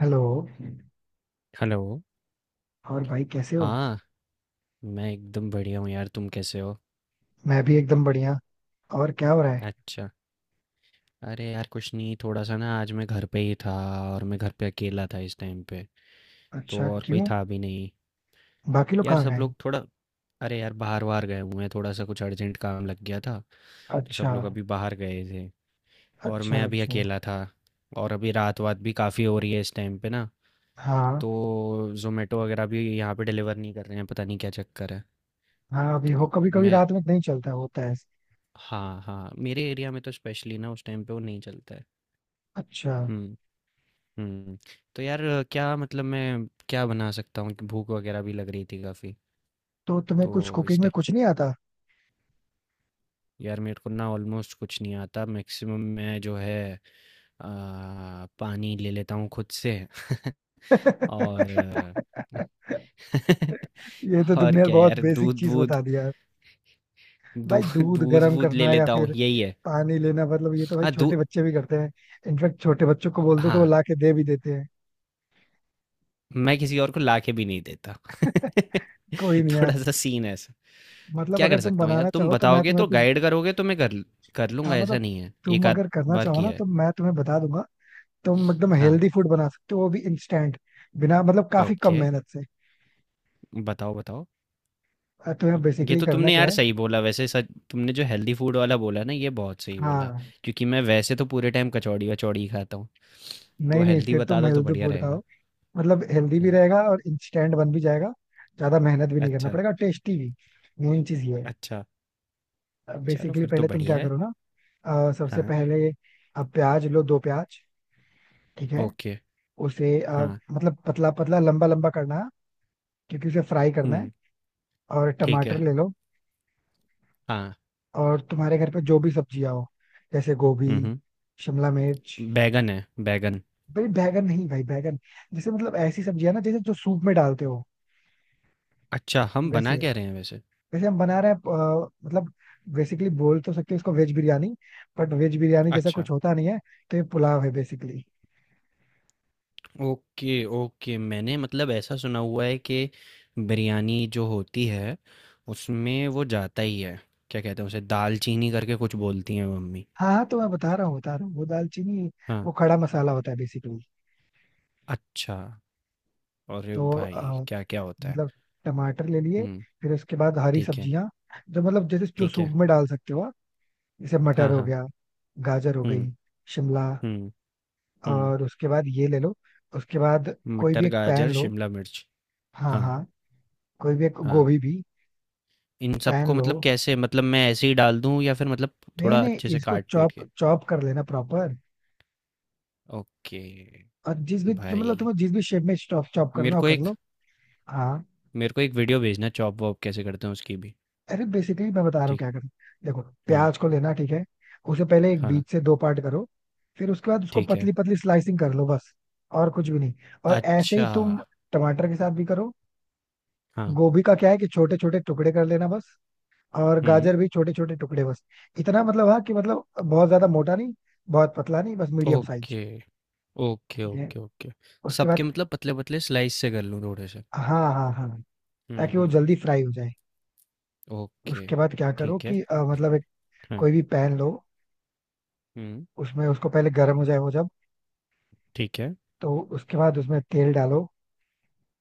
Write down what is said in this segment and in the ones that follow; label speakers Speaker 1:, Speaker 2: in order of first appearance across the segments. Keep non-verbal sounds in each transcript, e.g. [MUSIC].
Speaker 1: Hello.
Speaker 2: Hello.
Speaker 1: और भाई कैसे हो?
Speaker 2: हाँ, मैं एकदम बढ़िया हूँ यार, तुम कैसे हो?
Speaker 1: मैं भी एकदम बढ़िया। और क्या हो रहा है?
Speaker 2: अच्छा। अरे यार कुछ नहीं, थोड़ा सा ना आज मैं घर पे ही था और मैं घर पे अकेला था इस टाइम पे। तो
Speaker 1: अच्छा,
Speaker 2: और कोई
Speaker 1: क्यों?
Speaker 2: था भी नहीं।
Speaker 1: बाकी लोग
Speaker 2: यार
Speaker 1: कहाँ
Speaker 2: सब
Speaker 1: गए?
Speaker 2: लोग थोड़ा अरे यार बाहर वार गए हुए हैं, थोड़ा सा कुछ अर्जेंट काम लग गया था। तो सब
Speaker 1: अच्छा,
Speaker 2: लोग अभी बाहर गए थे और मैं
Speaker 1: अच्छा।
Speaker 2: अभी
Speaker 1: अच्छा।
Speaker 2: अकेला था। और अभी रात वात भी काफ़ी हो रही है इस टाइम पे ना।
Speaker 1: हाँ।
Speaker 2: तो जोमेटो वगैरह भी यहाँ पे डिलीवर नहीं कर रहे हैं, पता नहीं क्या चक्कर है।
Speaker 1: हाँ, अभी हो,
Speaker 2: तो
Speaker 1: कभी कभी
Speaker 2: मैं
Speaker 1: रात में नहीं चलता होता है।
Speaker 2: हाँ, हाँ, मेरे एरिया में तो स्पेशली ना उस टाइम पे वो नहीं चलता है।
Speaker 1: अच्छा।
Speaker 2: हुँ, हुँ। तो यार क्या मतलब मैं क्या बना सकता हूँ? कि भूख वगैरह भी लग रही थी काफ़ी।
Speaker 1: तो तुम्हें कुछ
Speaker 2: तो इस
Speaker 1: कुकिंग में
Speaker 2: टाइ
Speaker 1: कुछ नहीं आता?
Speaker 2: यार मेरे को ना ऑलमोस्ट कुछ नहीं आता। मैक्सिमम मैं जो है अ, पानी ले लेता हूँ खुद से [LAUGHS] और
Speaker 1: [LAUGHS]
Speaker 2: अ, [LAUGHS]
Speaker 1: ये तो
Speaker 2: और
Speaker 1: तुमने यार
Speaker 2: क्या
Speaker 1: बहुत
Speaker 2: यार
Speaker 1: बेसिक चीज
Speaker 2: दूध-वूध,
Speaker 1: बता दिया यार।
Speaker 2: दू
Speaker 1: भाई दूध गर्म
Speaker 2: दूध-वूध ले
Speaker 1: करना या
Speaker 2: लेता हूँ,
Speaker 1: फिर
Speaker 2: यही है।
Speaker 1: पानी लेना मतलब ये तो भाई
Speaker 2: हाँ, दू
Speaker 1: छोटे बच्चे भी करते हैं। इनफेक्ट छोटे बच्चों को बोल दो तो वो
Speaker 2: हाँ।
Speaker 1: ला के दे भी देते हैं।
Speaker 2: मैं किसी और को लाके भी नहीं देता
Speaker 1: [LAUGHS] कोई
Speaker 2: [LAUGHS]
Speaker 1: नहीं यार।
Speaker 2: थोड़ा सा सीन है ऐसा।
Speaker 1: मतलब
Speaker 2: क्या
Speaker 1: अगर
Speaker 2: कर
Speaker 1: तुम
Speaker 2: सकता हूँ यार
Speaker 1: बनाना
Speaker 2: तुम
Speaker 1: चाहो तो मैं
Speaker 2: बताओगे
Speaker 1: तुम्हें
Speaker 2: तो
Speaker 1: कुछ।
Speaker 2: गाइड करोगे तो मैं कर कर
Speaker 1: हाँ,
Speaker 2: लूँगा ऐसा
Speaker 1: मतलब।
Speaker 2: नहीं है।
Speaker 1: तुम
Speaker 2: एक आध
Speaker 1: अगर करना
Speaker 2: बार
Speaker 1: चाहो ना
Speaker 2: किया
Speaker 1: तो
Speaker 2: है।
Speaker 1: मैं तुम्हें बता दूंगा। तुम एकदम
Speaker 2: हाँ।
Speaker 1: हेल्दी फूड बना सकते हो वो भी इंस्टेंट। बिना मतलब काफी कम
Speaker 2: ओके,
Speaker 1: मेहनत से।
Speaker 2: बताओ बताओ।
Speaker 1: और तुम्हें
Speaker 2: ये
Speaker 1: बेसिकली
Speaker 2: तो
Speaker 1: करना
Speaker 2: तुमने
Speaker 1: क्या
Speaker 2: यार
Speaker 1: है?
Speaker 2: सही बोला वैसे, सच तुमने जो हेल्दी फूड वाला बोला ना ये बहुत सही बोला,
Speaker 1: हाँ।
Speaker 2: क्योंकि मैं वैसे तो पूरे टाइम कचौड़ी वचौड़ी ही खाता हूँ। तो
Speaker 1: नहीं, नहीं,
Speaker 2: हेल्दी
Speaker 1: फिर
Speaker 2: बता
Speaker 1: तुम
Speaker 2: दो तो
Speaker 1: हेल्दी
Speaker 2: बढ़िया
Speaker 1: फूड खाओ।
Speaker 2: रहेगा।
Speaker 1: मतलब हेल्दी भी
Speaker 2: हाँ।
Speaker 1: रहेगा और इंस्टेंट बन भी जाएगा। ज्यादा मेहनत भी नहीं करना
Speaker 2: अच्छा,
Speaker 1: पड़ेगा, टेस्टी भी। मेन चीज ये है।
Speaker 2: अच्छा, चलो
Speaker 1: बेसिकली
Speaker 2: फिर तो
Speaker 1: पहले तुम
Speaker 2: बढ़िया
Speaker 1: क्या
Speaker 2: है।
Speaker 1: करो ना। सबसे
Speaker 2: हाँ।
Speaker 1: पहले। अब प्याज लो, दो प्याज। ठीक है।
Speaker 2: ओके।
Speaker 1: उसे
Speaker 2: हाँ।
Speaker 1: मतलब पतला पतला लंबा लंबा करना है। क्योंकि उसे फ्राई करना है।
Speaker 2: हम्म।
Speaker 1: और
Speaker 2: ठीक
Speaker 1: टमाटर
Speaker 2: है।
Speaker 1: ले लो।
Speaker 2: हाँ।
Speaker 1: और तुम्हारे घर पे जो भी सब्जियां हो, जैसे गोभी,
Speaker 2: हम्म।
Speaker 1: शिमला मिर्च।
Speaker 2: बैगन है, बैगन।
Speaker 1: भाई, बैगन नहीं भाई, बैगन। जैसे मतलब ऐसी सब्जियां ना, जैसे जो सूप में डालते हो।
Speaker 2: अच्छा, हम
Speaker 1: वैसे
Speaker 2: बना क्या रहे हैं वैसे?
Speaker 1: वैसे हम बना रहे हैं। मतलब बेसिकली बोल तो सकते हैं इसको veg biryani. But veg biryani जैसा कुछ
Speaker 2: अच्छा।
Speaker 1: होता नहीं है। तो ये पुलाव है बेसिकली।
Speaker 2: Okay, okay. मैंने मतलब ऐसा सुना हुआ है कि बिरयानी जो होती है, उसमें वो जाता ही है, क्या कहते हैं उसे, दालचीनी करके कुछ बोलती हैं मम्मी।
Speaker 1: हाँ, हाँ, तो मैं बता रहा हूँ वो दालचीनी।
Speaker 2: हाँ।
Speaker 1: वो खड़ा मसाला होता है बेसिकली।
Speaker 2: अच्छा। अरे
Speaker 1: तो
Speaker 2: भाई, क्या-क्या होता है।
Speaker 1: मतलब टमाटर ले लिए।
Speaker 2: हुँ,
Speaker 1: फिर उसके बाद हरी
Speaker 2: ठीक है,
Speaker 1: सब्जियां। जो मतलब जैसे जो
Speaker 2: ठीक
Speaker 1: सूप
Speaker 2: है।
Speaker 1: में डाल सकते हो। जैसे मटर
Speaker 2: हाँ,
Speaker 1: हो
Speaker 2: हाँ।
Speaker 1: गया। गाजर हो गई।
Speaker 2: हुँ,
Speaker 1: शिमला।
Speaker 2: हुँ, हुँ।
Speaker 1: और उसके बाद ये ले लो। उसके बाद कोई भी
Speaker 2: मटर,
Speaker 1: एक पैन
Speaker 2: गाजर,
Speaker 1: लो।
Speaker 2: शिमला मिर्च।
Speaker 1: हाँ,
Speaker 2: हाँ,
Speaker 1: हाँ। कोई भी एक
Speaker 2: हाँ।
Speaker 1: गोभी भी।
Speaker 2: इन
Speaker 1: पैन
Speaker 2: सबको
Speaker 1: लो।
Speaker 2: मतलब कैसे, मतलब मैं ऐसे ही डाल दूँ या फिर मतलब
Speaker 1: नहीं,
Speaker 2: थोड़ा
Speaker 1: नहीं,
Speaker 2: अच्छे से
Speaker 1: इसको
Speaker 2: काट-पीट के?
Speaker 1: चॉप चॉप कर लेना प्रॉपर।
Speaker 2: ओके।
Speaker 1: और जिस भी जो मतलब
Speaker 2: भाई,
Speaker 1: तुम्हें जिस भी शेप में चॉप चॉप करना
Speaker 2: मेरे
Speaker 1: हो
Speaker 2: को
Speaker 1: कर
Speaker 2: एक
Speaker 1: लो। हाँ।
Speaker 2: मेरे को एक वीडियो भेजना चॉप वॉप कैसे करते हैं उसकी भी।
Speaker 1: अरे बेसिकली मैं बता रहा हूँ
Speaker 2: ठीक
Speaker 1: क्या करना। देखो
Speaker 2: है। हाँ,
Speaker 1: प्याज को लेना, ठीक है। उसे पहले एक
Speaker 2: हाँ।
Speaker 1: बीच से दो पार्ट करो। फिर उसके बाद उसको
Speaker 2: ठीक है।
Speaker 1: पतली पतली स्लाइसिंग कर लो बस। और कुछ भी नहीं। और ऐसे
Speaker 2: अच्छा।
Speaker 1: ही तुम टमाटर के साथ भी करो।
Speaker 2: हाँ।
Speaker 1: गोभी का क्या है कि छोटे छोटे टुकड़े कर लेना बस। और
Speaker 2: हम्म।
Speaker 1: गाजर भी छोटे छोटे टुकड़े बस। इतना मतलब हाँ कि मतलब बहुत ज्यादा मोटा नहीं। बहुत पतला नहीं, बस मीडियम साइज।
Speaker 2: ओके, ओके,
Speaker 1: ठीक है।
Speaker 2: ओके। ओके,
Speaker 1: उसके
Speaker 2: सबके
Speaker 1: बाद।
Speaker 2: मतलब पतले पतले स्लाइस से कर लूँ थोड़े से।
Speaker 1: हाँ, हाँ, हाँ।
Speaker 2: हम्म,
Speaker 1: ताकि वो
Speaker 2: हम्म।
Speaker 1: जल्दी फ्राई हो जाए।
Speaker 2: ओके।
Speaker 1: उसके बाद क्या करो
Speaker 2: ठीक है।
Speaker 1: कि मतलब एक।
Speaker 2: हाँ।
Speaker 1: कोई भी पैन लो।
Speaker 2: हम्म।
Speaker 1: उसमें उसको पहले गर्म हो जाए वो जब।
Speaker 2: ठीक है।
Speaker 1: तो उसके बाद उसमें तेल डालो।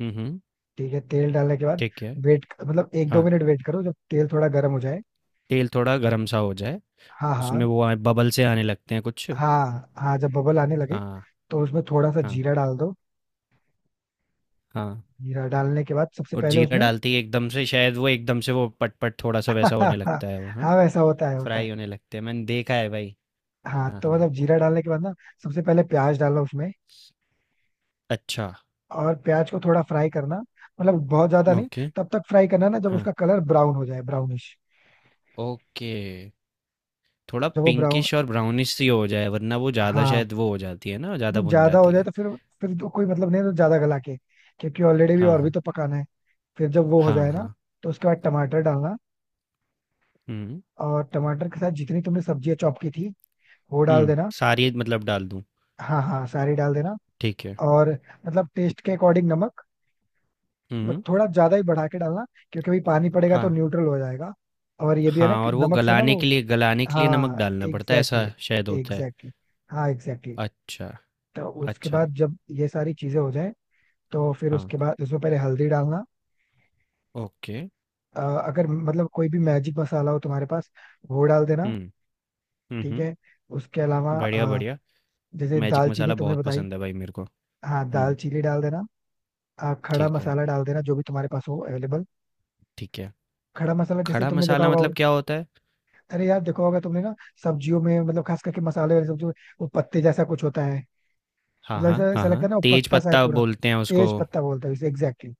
Speaker 2: हम्म, हम्म।
Speaker 1: ठीक है, तेल डालने के बाद।
Speaker 2: ठीक है।
Speaker 1: वेट मतलब एक दो
Speaker 2: हाँ,
Speaker 1: मिनट वेट करो जब तेल थोड़ा गर्म हो जाए।
Speaker 2: तेल थोड़ा गर्म सा हो जाए,
Speaker 1: हाँ, हाँ,
Speaker 2: उसमें वो आए बबल से आने लगते हैं कुछ।
Speaker 1: हाँ। हाँ, जब बबल आने लगे।
Speaker 2: हाँ,
Speaker 1: तो उसमें थोड़ा सा
Speaker 2: हाँ।
Speaker 1: जीरा डाल दो।
Speaker 2: हाँ,
Speaker 1: जीरा डालने के बाद सबसे
Speaker 2: और
Speaker 1: पहले
Speaker 2: जीरा
Speaker 1: उसमें।
Speaker 2: डालती है एकदम से शायद वो एकदम से वो पटपट थोड़ा सा वैसा होने
Speaker 1: [LAUGHS]
Speaker 2: लगता है वो, हाँ।
Speaker 1: हाँ, वैसा होता है होता है।
Speaker 2: फ्राई होने लगते हैं मैंने देखा है भाई।
Speaker 1: हाँ
Speaker 2: हाँ,
Speaker 1: तो
Speaker 2: हाँ।
Speaker 1: मतलब जीरा डालने के बाद ना। सबसे पहले प्याज डालना उसमें।
Speaker 2: अच्छा।
Speaker 1: और प्याज को थोड़ा फ्राई करना। मतलब बहुत ज्यादा नहीं।
Speaker 2: ओके।
Speaker 1: तब तक फ्राई करना ना जब
Speaker 2: हाँ।
Speaker 1: उसका कलर ब्राउन हो जाए, ब्राउनिश।
Speaker 2: ओके, थोड़ा
Speaker 1: जब वो ब्राउन।
Speaker 2: पिंकिश और ब्राउनिश सी हो जाए वरना वो ज़्यादा
Speaker 1: हाँ।
Speaker 2: शायद वो हो जाती है ना, ज़्यादा
Speaker 1: नहीं,
Speaker 2: भुन
Speaker 1: ज्यादा हो
Speaker 2: जाती
Speaker 1: जाए
Speaker 2: है।
Speaker 1: तो फिर। फिर तो कोई मतलब नहीं है तो ज्यादा गला के। क्योंकि ऑलरेडी भी
Speaker 2: हाँ,
Speaker 1: और भी
Speaker 2: हाँ।
Speaker 1: तो पकाना है। फिर जब वो हो
Speaker 2: हाँ,
Speaker 1: जाए ना।
Speaker 2: हाँ।
Speaker 1: तो उसके बाद टमाटर डालना।
Speaker 2: हम्म।
Speaker 1: और टमाटर के साथ जितनी तुमने सब्जियां चॉप की थी वो डाल
Speaker 2: हम्म,
Speaker 1: देना।
Speaker 2: सारी मतलब डाल दूँ?
Speaker 1: हाँ, हाँ, सारी डाल देना।
Speaker 2: ठीक है।
Speaker 1: और मतलब टेस्ट के अकॉर्डिंग नमक। बस
Speaker 2: हम्म।
Speaker 1: थोड़ा ज्यादा ही बढ़ा के डालना। क्योंकि अभी पानी पड़ेगा तो
Speaker 2: हाँ,
Speaker 1: न्यूट्रल हो जाएगा। और ये भी है ना
Speaker 2: हाँ,
Speaker 1: कि
Speaker 2: और वो
Speaker 1: नमक से ना
Speaker 2: गलाने
Speaker 1: वो।
Speaker 2: के लिए गलाने के लिए नमक
Speaker 1: हाँ
Speaker 2: डालना पड़ता है ऐसा शायद होता है।
Speaker 1: एग्जैक्टली exactly, हाँ एग्जैक्टली exactly.
Speaker 2: अच्छा।
Speaker 1: तो उसके
Speaker 2: अच्छा।
Speaker 1: बाद जब ये सारी चीजें हो जाएं। तो फिर
Speaker 2: हाँ।
Speaker 1: उसके बाद उसमें पहले हल्दी डालना।
Speaker 2: ओके।
Speaker 1: अगर मतलब कोई भी मैजिक मसाला हो तुम्हारे पास। वो डाल देना।
Speaker 2: हम्म।
Speaker 1: ठीक
Speaker 2: हम्म।
Speaker 1: है। उसके अलावा
Speaker 2: बढ़िया, बढ़िया।
Speaker 1: जैसे
Speaker 2: मैजिक
Speaker 1: दालचीनी
Speaker 2: मसाला
Speaker 1: तुमने
Speaker 2: बहुत
Speaker 1: बताई।
Speaker 2: पसंद है भाई मेरे को।
Speaker 1: हाँ,
Speaker 2: हुँ,
Speaker 1: दालचीनी डाल देना। खड़ा
Speaker 2: ठीक है,
Speaker 1: मसाला डाल देना, जो भी तुम्हारे पास हो अवेलेबल।
Speaker 2: ठीक है।
Speaker 1: खड़ा मसाला जैसे
Speaker 2: खड़ा
Speaker 1: तुमने देखा
Speaker 2: मसाला मतलब
Speaker 1: होगा।
Speaker 2: क्या होता है?
Speaker 1: अरे यार देखो होगा तुमने ना। सब्जियों में मतलब खास करके मसाले वाली सब्जियों में। वो पत्ते जैसा कुछ होता है।
Speaker 2: हाँ,
Speaker 1: मतलब ऐसा
Speaker 2: हाँ, हाँ,
Speaker 1: ऐसा लगता है
Speaker 2: हाँ।
Speaker 1: ना वो
Speaker 2: तेज
Speaker 1: पत्ता सा है
Speaker 2: पत्ता
Speaker 1: पूरा।
Speaker 2: बोलते हैं
Speaker 1: तेज
Speaker 2: उसको।
Speaker 1: पत्ता बोलते हैं इसे एग्जैक्टली।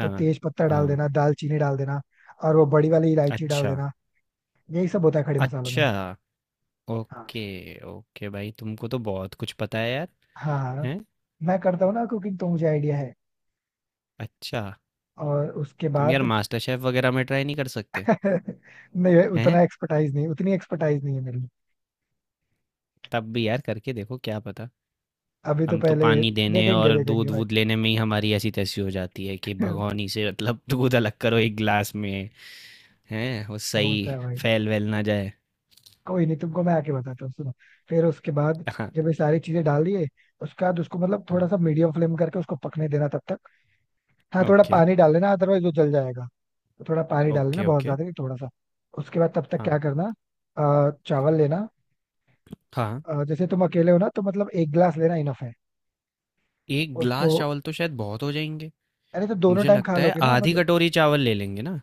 Speaker 1: तो तेज पत्ता डाल
Speaker 2: हाँ।
Speaker 1: देना, दालचीनी डाल देना। और वो बड़ी वाली इलायची डाल
Speaker 2: अच्छा,
Speaker 1: देना। यही सब होता है खड़े मसालों में।
Speaker 2: अच्छा।
Speaker 1: हाँ,
Speaker 2: ओके, ओके भाई तुमको तो बहुत कुछ पता है यार।
Speaker 1: हाँ।
Speaker 2: हैं?
Speaker 1: मैं करता हूँ ना कुकिंग तो मुझे आइडिया है।
Speaker 2: अच्छा,
Speaker 1: और उसके
Speaker 2: तुम यार
Speaker 1: बाद। [LAUGHS]
Speaker 2: मास्टर शेफ़ वगैरह में ट्राई नहीं कर सकते?
Speaker 1: नहीं,
Speaker 2: हैं?
Speaker 1: उतना एक्सपर्टाइज नहीं उतनी एक्सपर्टाइज नहीं है मेरी।
Speaker 2: तब भी यार करके देखो क्या पता।
Speaker 1: अभी तो
Speaker 2: हम तो
Speaker 1: पहले।
Speaker 2: पानी देने
Speaker 1: देखेंगे
Speaker 2: और
Speaker 1: देखेंगे भाई।
Speaker 2: दूध-वूध लेने में ही हमारी ऐसी-तैसी हो जाती है कि
Speaker 1: [LAUGHS]
Speaker 2: भगोनी से मतलब [LAUGHS] दूध अलग करो एक ग्लास में। हैं वो सही,
Speaker 1: होता है भाई।
Speaker 2: फैल वैल ना जाए।
Speaker 1: कोई नहीं, तुमको मैं आके बताता हूँ, सुनो। फिर उसके बाद।
Speaker 2: हाँ,
Speaker 1: जब ये सारी चीजें डाल दिए। उसके बाद उसको मतलब थोड़ा
Speaker 2: हाँ।
Speaker 1: सा मीडियम फ्लेम करके उसको पकने देना तब तक। हाँ, थोड़ा
Speaker 2: ओके,
Speaker 1: पानी डाल लेना अदरवाइज वो जल जाएगा। तो थोड़ा पानी डाल लेना,
Speaker 2: ओके,
Speaker 1: बहुत
Speaker 2: ओके।
Speaker 1: ज्यादा नहीं, थोड़ा सा। उसके बाद तब तक क्या
Speaker 2: हाँ,
Speaker 1: करना। चावल लेना।
Speaker 2: हाँ।
Speaker 1: जैसे तुम अकेले हो ना तो मतलब 1 गिलास लेना इनफ है।
Speaker 2: एक
Speaker 1: उसको।
Speaker 2: ग्लास चावल तो शायद बहुत हो जाएंगे।
Speaker 1: अरे तो दोनों
Speaker 2: मुझे
Speaker 1: टाइम खा
Speaker 2: लगता है
Speaker 1: लोगे ना,
Speaker 2: आधी
Speaker 1: मतलब।
Speaker 2: कटोरी चावल ले लेंगे ना।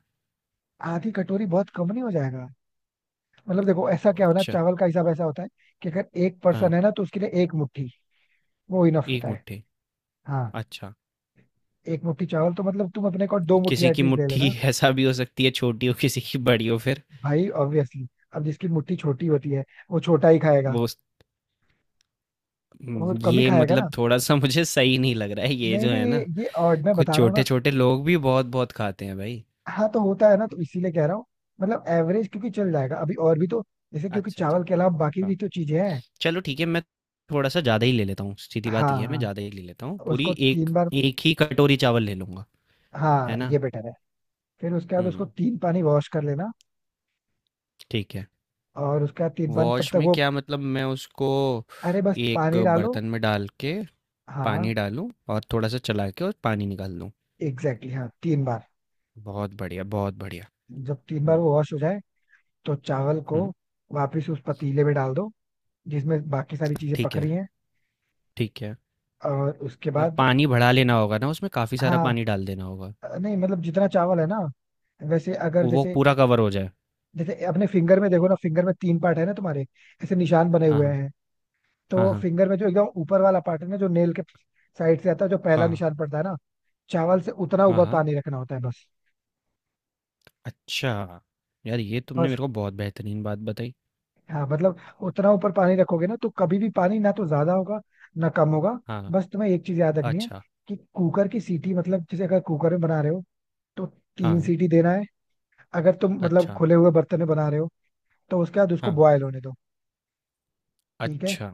Speaker 1: आधी कटोरी बहुत कम नहीं हो जाएगा? मतलब देखो ऐसा क्या होना,
Speaker 2: अच्छा।
Speaker 1: चावल का हिसाब ऐसा होता है। कि अगर एक पर्सन
Speaker 2: हाँ,
Speaker 1: है ना तो उसके लिए 1 मुट्ठी। वो इनफ
Speaker 2: एक
Speaker 1: होता है।
Speaker 2: मुट्ठी।
Speaker 1: हाँ।
Speaker 2: अच्छा।
Speaker 1: 1 मुट्ठी चावल तो मतलब तुम अपने को 2 मुट्ठी
Speaker 2: किसी की
Speaker 1: एटलीस्ट ले
Speaker 2: मुट्ठी
Speaker 1: लेना।
Speaker 2: [LAUGHS] ऐसा भी हो सकती है, छोटी हो किसी की, बड़ी हो फिर।
Speaker 1: भाई ऑब्वियसली। अब जिसकी मुट्ठी छोटी होती है। वो छोटा ही खाएगा।
Speaker 2: वो उस-
Speaker 1: वो कम ही
Speaker 2: ये
Speaker 1: खाएगा
Speaker 2: मतलब
Speaker 1: ना।
Speaker 2: थोड़ा सा मुझे सही नहीं लग रहा है ये
Speaker 1: नहीं,
Speaker 2: जो
Speaker 1: नहीं,
Speaker 2: है
Speaker 1: ये
Speaker 2: ना।
Speaker 1: ये odd मैं
Speaker 2: कुछ
Speaker 1: बता रहा हूँ
Speaker 2: छोटे
Speaker 1: ना।
Speaker 2: छोटे लोग भी बहुत बहुत खाते हैं भाई।
Speaker 1: हाँ तो होता है ना, तो इसीलिए कह रहा हूँ। मतलब एवरेज क्योंकि चल जाएगा अभी और भी तो। जैसे क्योंकि
Speaker 2: अच्छा, अच्छा।
Speaker 1: चावल के अलावा बाकी भी तो चीजें हैं।
Speaker 2: चलो ठीक है, मैं थोड़ा सा ज़्यादा ही ले लेता हूँ, सीधी
Speaker 1: हाँ,
Speaker 2: बात ये है मैं
Speaker 1: हाँ।
Speaker 2: ज़्यादा ही ले लेता हूँ। पूरी
Speaker 1: उसको
Speaker 2: एक
Speaker 1: 3 बार।
Speaker 2: एक ही कटोरी चावल ले लूँगा, है
Speaker 1: हाँ,
Speaker 2: ना।
Speaker 1: ये बेटर है। फिर उसके बाद उसको
Speaker 2: हम्म।
Speaker 1: 3 पानी वॉश कर लेना।
Speaker 2: ठीक है।
Speaker 1: और उसके बाद 3 पानी तब
Speaker 2: वॉश
Speaker 1: तक
Speaker 2: में
Speaker 1: वो।
Speaker 2: क्या मतलब, मैं उसको
Speaker 1: अरे बस
Speaker 2: एक
Speaker 1: पानी डालो।
Speaker 2: बर्तन में डाल के
Speaker 1: हाँ
Speaker 2: पानी डालूँ और थोड़ा सा चला के और पानी निकाल दूँ?
Speaker 1: एग्जैक्टली exactly, हाँ 3 बार।
Speaker 2: बहुत बढ़िया, बहुत बढ़िया।
Speaker 1: जब 3 बार
Speaker 2: हम्म।
Speaker 1: वो वॉश हो जाए। तो चावल को।
Speaker 2: हम्म,
Speaker 1: वापस उस पतीले में डाल दो। जिसमें बाकी सारी चीजें
Speaker 2: ठीक
Speaker 1: पक
Speaker 2: है।
Speaker 1: रही हैं।
Speaker 2: ठीक है,
Speaker 1: और उसके
Speaker 2: और
Speaker 1: बाद।
Speaker 2: पानी बढ़ा लेना होगा ना, उसमें काफ़ी सारा
Speaker 1: हाँ।
Speaker 2: पानी डाल देना होगा,
Speaker 1: नहीं मतलब जितना चावल है ना। वैसे अगर
Speaker 2: वो
Speaker 1: जैसे।
Speaker 2: पूरा कवर हो जाए।
Speaker 1: जैसे अपने फिंगर में देखो ना, फिंगर में तीन पार्ट है ना तुम्हारे। ऐसे निशान बने
Speaker 2: हाँ,
Speaker 1: हुए
Speaker 2: हाँ,
Speaker 1: हैं।
Speaker 2: हाँ,
Speaker 1: तो
Speaker 2: हाँ।
Speaker 1: फिंगर में जो एकदम ऊपर वाला पार्ट है ना, जो नेल के। साइड से आता है जो पहला
Speaker 2: हाँ,
Speaker 1: निशान पड़ता है ना। चावल से उतना
Speaker 2: हाँ,
Speaker 1: ऊपर
Speaker 2: हाँ।
Speaker 1: पानी रखना होता है बस।
Speaker 2: अच्छा, यार ये तुमने
Speaker 1: बस।
Speaker 2: मेरे को बहुत बेहतरीन बात बताई।
Speaker 1: हाँ, मतलब। उतना ऊपर पानी रखोगे ना तो कभी भी पानी ना तो ज्यादा होगा। ना कम होगा।
Speaker 2: हाँ,
Speaker 1: बस तुम्हें एक चीज याद रखनी है।
Speaker 2: अच्छा,
Speaker 1: कि कुकर की सीटी मतलब जैसे अगर कुकर में बना रहे हो। तो तीन
Speaker 2: हाँ,
Speaker 1: सीटी देना है। अगर तुम मतलब
Speaker 2: अच्छा,
Speaker 1: खुले हुए बर्तन में बना रहे हो। तो उसके बाद उसको
Speaker 2: हाँ,
Speaker 1: बॉयल होने दो। ठीक है।
Speaker 2: अच्छा।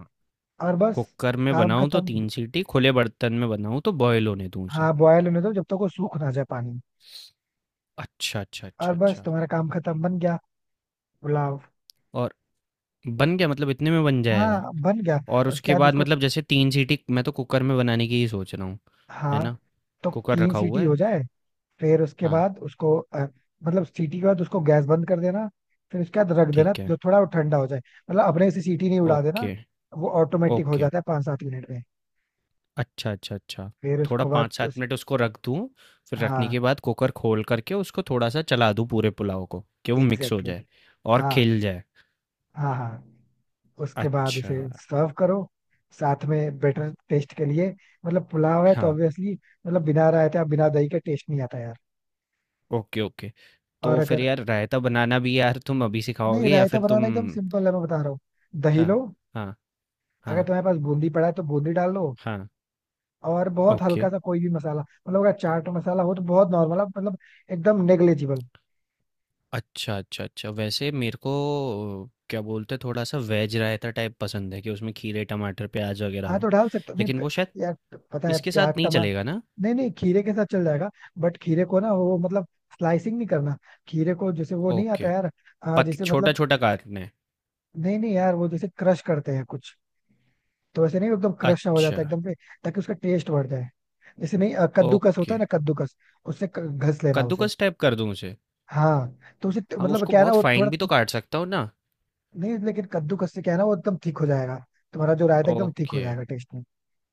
Speaker 1: और बस
Speaker 2: कुकर में
Speaker 1: काम
Speaker 2: बनाऊँ तो
Speaker 1: खत्म।
Speaker 2: 3 सीटी, खुले बर्तन में बनाऊँ तो बॉयल होने दूँ उसे।
Speaker 1: हाँ, बॉयल होने दो जब तक वो सूख ना जाए पानी।
Speaker 2: अच्छा, अच्छा,
Speaker 1: और
Speaker 2: अच्छा,
Speaker 1: बस
Speaker 2: अच्छा।
Speaker 1: तुम्हारा काम खत्म, बन गया पुलाव।
Speaker 2: और बन गया मतलब इतने में बन जाएगा?
Speaker 1: हाँ, बन गया।
Speaker 2: और
Speaker 1: उसके
Speaker 2: उसके
Speaker 1: बाद
Speaker 2: बाद
Speaker 1: उसको।
Speaker 2: मतलब जैसे 3 सीटी, मैं तो कुकर में बनाने की ही सोच रहा हूँ, है
Speaker 1: हाँ
Speaker 2: ना?
Speaker 1: तो
Speaker 2: कुकर
Speaker 1: तीन
Speaker 2: रखा हुआ
Speaker 1: सीटी हो
Speaker 2: है?
Speaker 1: जाए। फिर उसके
Speaker 2: हाँ,
Speaker 1: बाद उसको मतलब सीटी के बाद उसको गैस बंद कर देना। फिर उसके बाद रख देना
Speaker 2: ठीक है।
Speaker 1: जो थोड़ा वो ठंडा हो जाए। मतलब अपने से सीटी नहीं उड़ा देना।
Speaker 2: ओके,
Speaker 1: वो ऑटोमेटिक हो
Speaker 2: ओके।
Speaker 1: जाता है 5-7 मिनट में।
Speaker 2: अच्छा, अच्छा, अच्छा।
Speaker 1: फिर
Speaker 2: थोड़ा
Speaker 1: उसके बाद
Speaker 2: 5 से 7
Speaker 1: उस।
Speaker 2: मिनट उसको रख दूँ, फिर रखने
Speaker 1: हाँ
Speaker 2: के बाद कुकर खोल कर के उसको थोड़ा-सा चला दूँ पूरे पुलाव को, कि वो मिक्स हो
Speaker 1: एग्जैक्टली
Speaker 2: जाए
Speaker 1: exactly.
Speaker 2: और
Speaker 1: हाँ,
Speaker 2: खिल जाए।
Speaker 1: हाँ, हाँ। उसके बाद
Speaker 2: अच्छा,
Speaker 1: उसे सर्व करो। साथ में बेटर टेस्ट के लिए। मतलब पुलाव है तो
Speaker 2: हाँ।
Speaker 1: ऑब्वियसली। मतलब बिना रायता बिना दही का टेस्ट नहीं आता यार।
Speaker 2: Okay, okay.
Speaker 1: और
Speaker 2: तो फिर
Speaker 1: अगर।
Speaker 2: यार रायता बनाना भी यार तुम अभी
Speaker 1: नहीं,
Speaker 2: सिखाओगे या
Speaker 1: रायता
Speaker 2: फिर तुम।
Speaker 1: बनाना एकदम सिंपल है, मैं बता रहा हूँ। दही
Speaker 2: हाँ,
Speaker 1: लो।
Speaker 2: हाँ,
Speaker 1: अगर
Speaker 2: हाँ,
Speaker 1: तुम्हारे पास बूंदी पड़ा है तो बूंदी डाल लो।
Speaker 2: हाँ।
Speaker 1: और बहुत
Speaker 2: ओके।
Speaker 1: हल्का सा कोई भी मसाला, मतलब अगर चाट मसाला हो तो बहुत नॉर्मल मतलब। एकदम नेग्लेजिबल।
Speaker 2: अच्छा, अच्छा, अच्छा। वैसे मेरे को क्या बोलते हैं, थोड़ा-सा वेज रायता टाइप पसंद है कि उसमें खीरे, टमाटर, प्याज़ वग़ैरह
Speaker 1: हाँ तो
Speaker 2: हो।
Speaker 1: डाल सकते हो नहीं
Speaker 2: लेकिन वो शायद
Speaker 1: यार। पता है,
Speaker 2: इसके
Speaker 1: प्याज
Speaker 2: साथ नहीं
Speaker 1: टमाटर।
Speaker 2: चलेगा ना?
Speaker 1: नहीं, नहीं, खीरे के साथ चल जाएगा। बट खीरे को ना वो मतलब। स्लाइसिंग नहीं करना। खीरे को जैसे वो नहीं
Speaker 2: ओके।
Speaker 1: आता यार।
Speaker 2: पत
Speaker 1: जैसे मतलब।
Speaker 2: छोटा-छोटा काटना है।
Speaker 1: नहीं, नहीं, यार वो जैसे क्रश करते हैं कुछ। तो वैसे नहीं, एकदम क्रश ना हो
Speaker 2: अच्छा,
Speaker 1: जाता है एकदम पे। ताकि उसका टेस्ट बढ़ जाए। जैसे नहीं, कद्दूकस होता
Speaker 2: ओके।
Speaker 1: है ना, कद्दूकस। उससे घस लेना उसे।
Speaker 2: कद्दूकस टाइप कर दूँ उसे?
Speaker 1: हाँ। तो उसे
Speaker 2: हाँ,
Speaker 1: मतलब
Speaker 2: उसको
Speaker 1: क्या है ना
Speaker 2: बहुत
Speaker 1: वो
Speaker 2: फाइन
Speaker 1: थोड़ा।
Speaker 2: भी तो काट सकता हूँ ना?
Speaker 1: नहीं लेकिन कद्दूकस से क्या है ना, वो एकदम थिक हो जाएगा। तुम्हारा जो रायता है, एकदम थिक हो
Speaker 2: ओके।
Speaker 1: जाएगा टेस्ट में।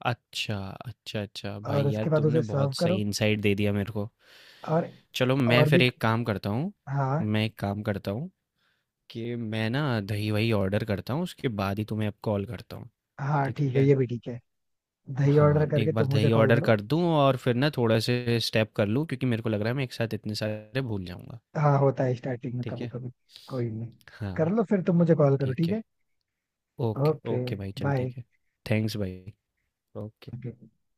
Speaker 2: अच्छा, अच्छा, अच्छा। भाई
Speaker 1: और
Speaker 2: यार
Speaker 1: उसके बाद
Speaker 2: तुमने
Speaker 1: उसे सर्व
Speaker 2: बहुत
Speaker 1: करो।
Speaker 2: सही इनसाइट दे दिया मेरे को।
Speaker 1: और।
Speaker 2: चलो मैं
Speaker 1: और भी।
Speaker 2: फिर एक काम करता हूँ,
Speaker 1: हाँ।
Speaker 2: मैं एक काम करता हूँ कि मैं ना दही-वही ऑर्डर करता हूँ, उसके बाद ही तुम्हें अब कॉल करता हूँ,
Speaker 1: हाँ,
Speaker 2: ठीक
Speaker 1: ठीक है,
Speaker 2: है?
Speaker 1: ये भी ठीक है। दही ऑर्डर
Speaker 2: हाँ,
Speaker 1: करके
Speaker 2: एक बार
Speaker 1: तुम मुझे
Speaker 2: दही
Speaker 1: कॉल
Speaker 2: ऑर्डर
Speaker 1: करो।
Speaker 2: कर दूँ और फिर ना थोड़े-से स्टेप कर लूँ, क्योंकि मेरे को लग रहा है मैं एक साथ इतने सारे भूल जाऊँगा,
Speaker 1: हाँ, होता है स्टार्टिंग में
Speaker 2: ठीक
Speaker 1: कभी
Speaker 2: है?
Speaker 1: कभी। कोई नहीं। कर
Speaker 2: हाँ।
Speaker 1: लो फिर तुम मुझे कॉल करो,
Speaker 2: ठीक
Speaker 1: ठीक
Speaker 2: है।
Speaker 1: है।
Speaker 2: Okay,
Speaker 1: okay.
Speaker 2: ओके भाई, चल
Speaker 1: बाय।
Speaker 2: ठीक है। थैंक्स भाई। ओके।